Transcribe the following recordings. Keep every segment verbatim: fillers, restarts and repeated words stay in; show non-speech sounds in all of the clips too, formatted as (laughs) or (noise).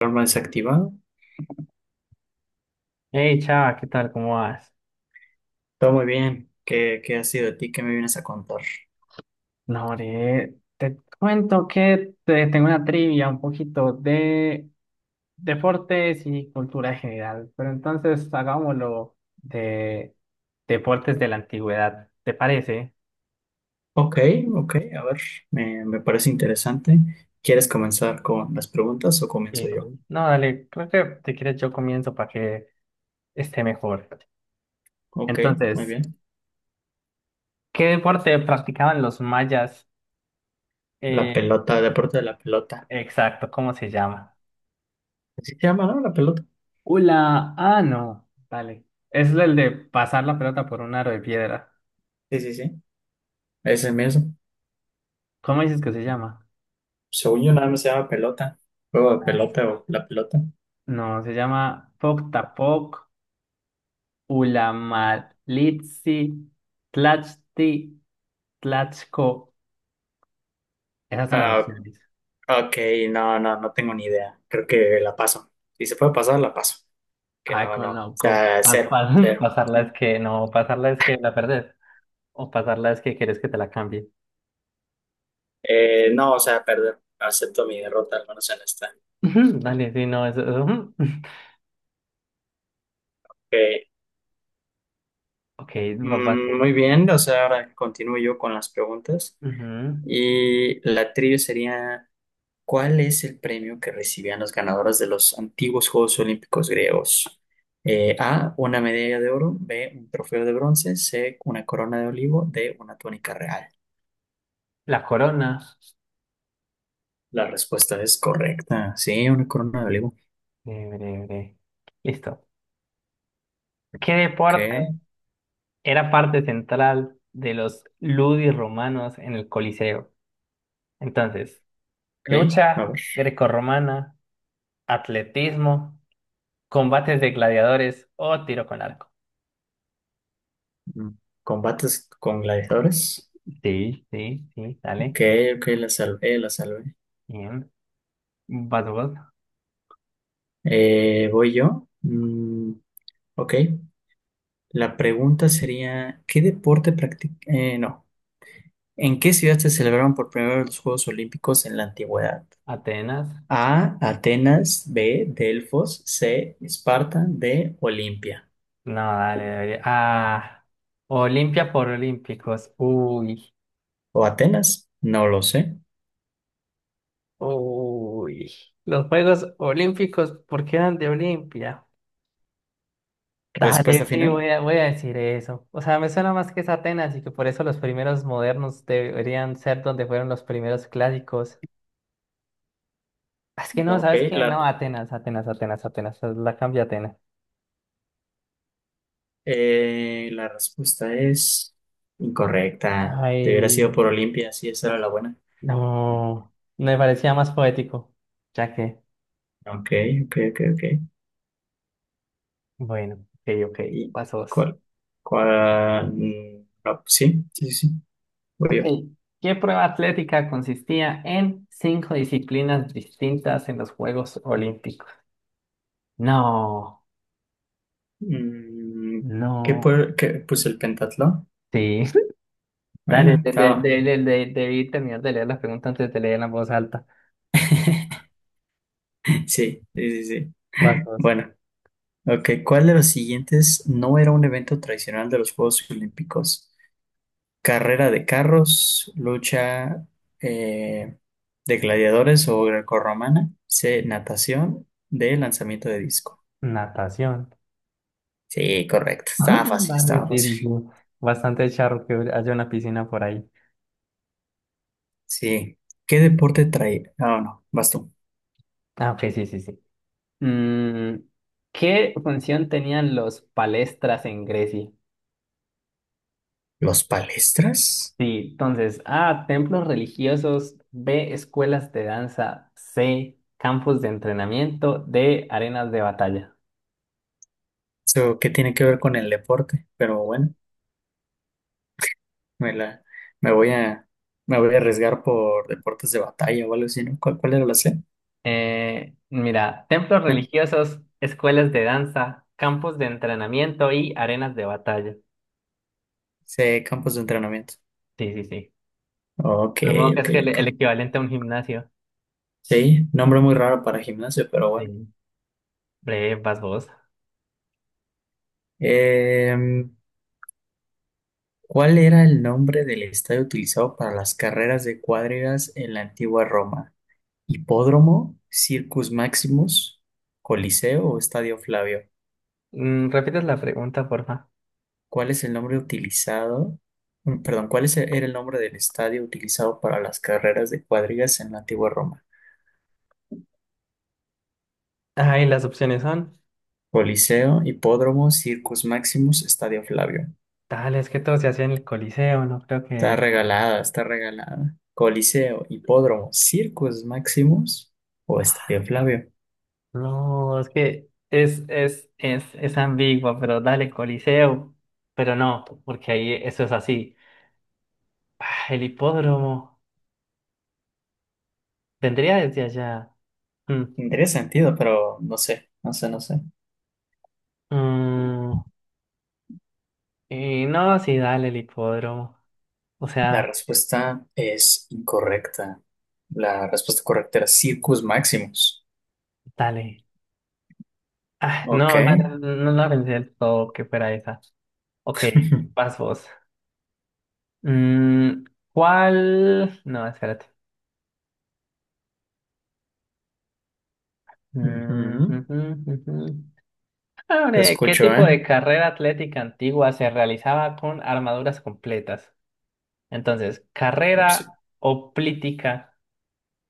Alarma desactivado. Hey, chava, ¿qué tal? ¿Cómo vas? Todo muy bien. ¿Qué, qué ha sido de ti? ¿Qué me vienes a contar? No, hombre, te cuento que te- tengo una trivia un poquito de deportes y cultura general, pero entonces hagámoslo de deportes de la antigüedad, ¿te parece? Ok, ok, a ver, me, me parece interesante. ¿Quieres comenzar con las preguntas o Eh, comienzo yo? no, dale, creo que si quieres yo comienzo para que esté mejor. Ok, muy Entonces, bien. ¿qué deporte practicaban los mayas? La Eh, pelota, el deporte de la pelota. exacto, ¿cómo se llama? ¿Así se llama, no? La pelota. Hola, ah, no, dale. Es el de pasar la pelota por un aro de piedra. Sí, sí, sí. Ese mismo. ¿Cómo dices que se llama? Según yo, nada más se llama pelota. Juego de Ah, pelota o la pelota. no, se llama Poktapoc, Ulamalitsi, Tlachti, Tlachco. Esas son las Ah, opciones. ok, no, no, no tengo ni idea. Creo que la paso. Si se puede pasar, la paso. Que Ay, no, no. O conozco. sea, pas- cero, pas- (laughs) cero. pasarla es que no, pasarla es que la perdés. O pasarla es que querés que te la cambie. Eh, no, o sea, perder, acepto mi derrota, al menos en esta. Ujú, (laughs) dale, sí, no, eso. Eso, ujú. (laughs) Ok, Ok, va, va mm, tú. muy bien, o sea, ahora continúo yo con las preguntas. Ujú. Y la trivia sería, ¿cuál es el premio que recibían los ganadores de los antiguos Juegos Olímpicos griegos? Eh, A, una medalla de oro, B, un trofeo de bronce, C, una corona de olivo, D, una túnica real. La corona. La respuesta es correcta, sí, una corona de olivo. Breve, breve, breve. Listo. ¿Qué Ok, deporte era parte central de los ludis romanos en el Coliseo? Entonces, ok, a lucha ver. grecorromana, atletismo, combates de gladiadores o tiro con arco. Mm, ¿Combates con gladiadores? Sí, sí, sí, dale. Ok, ok, la salvé, la salvé. Bien. Vas vos. Eh, ¿voy yo? Mm, ok. La pregunta sería, ¿qué deporte practica? No. ¿En qué ciudad se celebraron por primera vez los Juegos Olímpicos en la antigüedad? Atenas. A, Atenas, B, Delfos, C, Esparta, D, Olimpia. No, dale, dale. Ah, Olimpia por Olímpicos. Uy, ¿O Atenas? No lo sé. uy. Los Juegos Olímpicos, ¿por qué eran de Olimpia? Respuesta Dale, sí, voy final. a, voy a decir eso. O sea, me suena más que es Atenas y que por eso los primeros modernos deberían ser donde fueron los primeros clásicos. Es que no, Ok, ¿sabes qué? la, No, Atenas, Atenas, Atenas, Atenas. La cambio a Atenas. eh, la respuesta es incorrecta. Te Ay, hubiera sido por Olimpia, sí, esa era la buena. no. Me parecía más poético. Ya que, Ok, ok, ok, ok. bueno, ok, ok, Y pasos. cuál, cuál, no, sí, sí, sí, sí. Voy yo. Ok. ¿Qué prueba atlética consistía en cinco disciplinas distintas en los Juegos Olímpicos? No, Mm, ¿qué, no, pue- qué puse el pentatlón? sí. Dale, Bueno, de, de, de- estaba. de- de- debí terminar de leer las preguntas antes de leer en voz alta. (laughs) Sí, sí, sí, sí. Vas vos. Bueno, ok. ¿Cuál de los siguientes no era un evento tradicional de los Juegos Olímpicos? Carrera de carros, lucha eh, de gladiadores o grecorromana, C, natación, D, lanzamiento de disco. Natación. Sí, correcto. Estaba (laughs) fácil, Vale, estaba sí, fácil. sí, sí. Bastante charro que haya una piscina por ahí. Sí. ¿Qué deporte trae? Ah, no, vas tú. Ah, ok, sí, sí, sí. Mm, ¿qué función tenían los palestras en Grecia? ¿Los palestras? Sí, entonces, A, templos religiosos, B, escuelas de danza, C, campos de entrenamiento, D, arenas de batalla. ¿Eso qué tiene que ver con el deporte? Pero bueno, me la, me voy a, me voy a arriesgar por deportes de batalla o algo así, ¿no? ¿Cuál, cuál era la C? Eh, mira, templos Eh, religiosos, escuelas de danza, campos de entrenamiento y arenas de batalla. C, campos de entrenamiento. Sí, sí, sí. Ok, Supongo que ok, es el, ok. el equivalente a un gimnasio. Sí, nombre muy raro para gimnasio, pero bueno. Sí. Breve, vas vos. Em, ¿cuál era el nombre del estadio utilizado para las carreras de cuadrigas en la antigua Roma? Hipódromo, Circus Maximus, Coliseo o Estadio Flavio. Mm, ¿repites la pregunta, porfa? ¿Cuál es el nombre utilizado? Mm, Perdón, ¿cuál es el- era el nombre del estadio utilizado para las carreras de cuadrigas en la antigua Roma? Ay, las opciones son. Coliseo, Hipódromo, Circus Maximus, Estadio Flavio. Tal, es que todo se hacía en el Coliseo, no creo Está que. regalada, está regalada. Coliseo, Hipódromo, Circus Maximus o Estadio Flavio. No, es que es, es, es, es ambigua, pero dale, Coliseo. Pero no, porque ahí eso es así. Ah, el hipódromo vendría desde allá. Mm. Tendría sentido, pero no sé, no sé, no sé. Mm, y no, sí, dale el hipódromo. O La sea, respuesta es incorrecta. La respuesta correcta era Circus Maximus. dale. Ah, Ok. no, dale, no la pensé del todo que fuera esa. Ok, (laughs) vas vos. Mm, ¿cuál? No, espérate. Mm, Ujú. ujú, ujú. Te Abre, ¿qué escucho, tipo ¿eh? de carrera atlética antigua se realizaba con armaduras completas? Entonces, Ops. carrera hoplítica,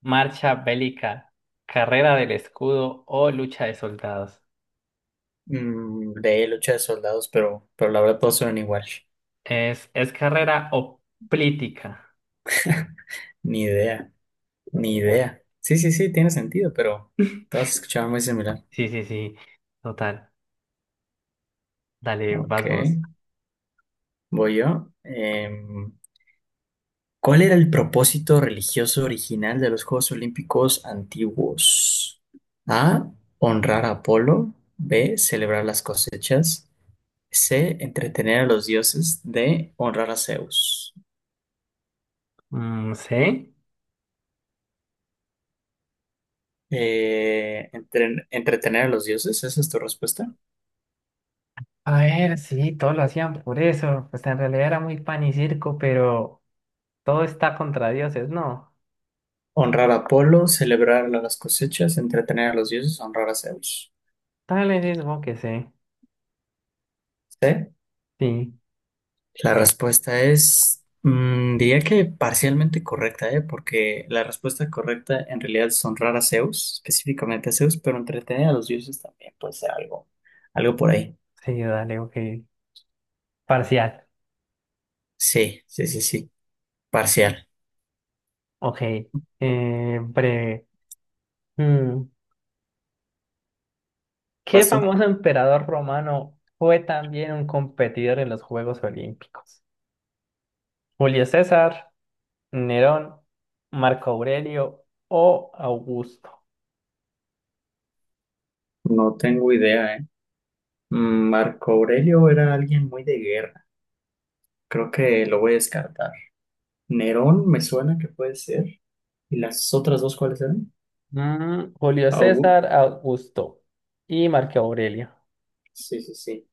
marcha bélica, carrera del escudo o lucha de soldados. Mm, de lucha de soldados, pero, pero la verdad todos suenan igual. Es, es carrera o política. Ni idea, ni idea. Sí, sí, sí, tiene sentido, pero (laughs) todas escuchaban muy similar. Sí, sí, sí. Total. Dale, Ok, vas vos. voy yo. Em, ¿Cuál era el propósito religioso original de los Juegos Olímpicos antiguos? A. Honrar a Apolo. B. Celebrar las cosechas. C. Entretener a los dioses. D. Honrar a Zeus. Mm, sí. Eh, entren- entretener a los dioses, ¿esa es tu respuesta? A ver, sí, todos lo hacían por eso. Pues en realidad era muy pan y circo, pero todo está contra dioses, ¿no? Honrar a Apolo, celebrar las cosechas, entretener a los dioses, honrar a Zeus. Dale, sí, supongo que sí. ¿Sí? Sí, La respuesta es, mm, diría que parcialmente correcta, ¿eh? Porque la respuesta correcta en realidad son a Zeus, específicamente a Zeus, pero entretener a los dioses también puede ser algo, algo por ahí. sí, dale, ok. Parcial. Sí, sí, sí, sí, parcial. Ok. Eh, breve. Mm, ¿qué ¿Paso? famoso emperador romano fue también un competidor en los Juegos Olímpicos? Julio César. Nerón, Marco Aurelio o Augusto. No tengo idea, ¿eh? Mm, Marco Aurelio era alguien muy de guerra. Creo que lo voy a descartar. Nerón me suena que puede ser. ¿Y las otras dos cuáles eran? Mm, Julio Augu- César, Augusto y Marco Aurelio. Sí, sí, sí.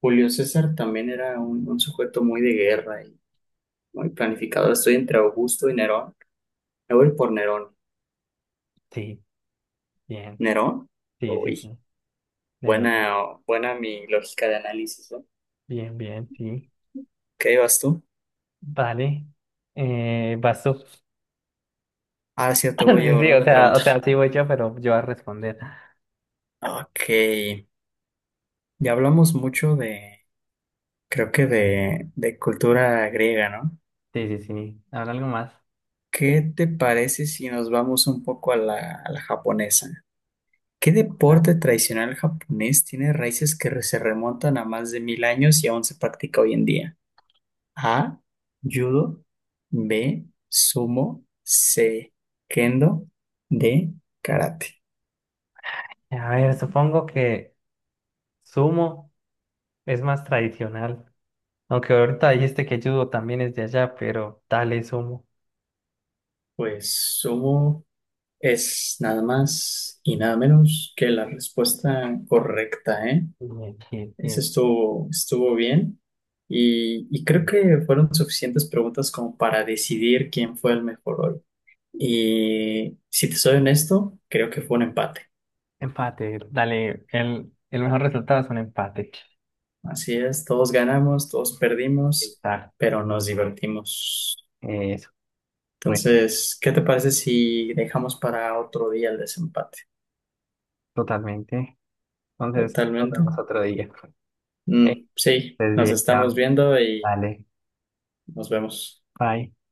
Julio César también era un, un sujeto muy de guerra. Muy planificado, estoy entre Augusto y Nerón. Me voy por Nerón. Sí. Bien, ¿Nerón? sí, sí, Uy, sí. Nerón. buena, buena mi lógica de análisis, ¿no? Bien, bien, sí. ¿Qué vas tú? Vale. Eh, vas tú. (laughs) Ah, cierto, voy yo, Sí, sí, ¿verdad? o De sea, o preguntar. sea, sí voy yo, pero yo voy a responder. Ok, ya hablamos mucho de, creo que de, de cultura griega, ¿no? Sí, sí, sí. Ahora algo más. ¿Qué te parece si nos vamos un poco a la, a la japonesa? ¿Qué A deporte tradicional japonés tiene raíces que se remontan a más de mil años y aún se practica hoy en día? A, judo, B, sumo, C, kendo, D, karate. a ver, supongo que sumo es más tradicional. Aunque ahorita dijiste que judo también es de allá, pero dale sumo. Pues sumo es nada más y nada menos que la respuesta correcta, ¿eh? Bien, bien, Eso bien. estuvo, estuvo bien. Y, y creo que fueron suficientes preguntas como para decidir quién fue el mejor hoy. Y si te soy honesto, creo que fue un empate. Empate, dale, el, el mejor resultado es un empate. Así es, todos ganamos, todos perdimos, Exacto. pero nos divertimos. Eso, bueno, Entonces, ¿qué te parece si dejamos para otro día el desempate? totalmente. Entonces, nos Totalmente. vemos otro día. Eh, Mm, sí, Estés nos bien, estamos chao. viendo y Dale, nos vemos. bye.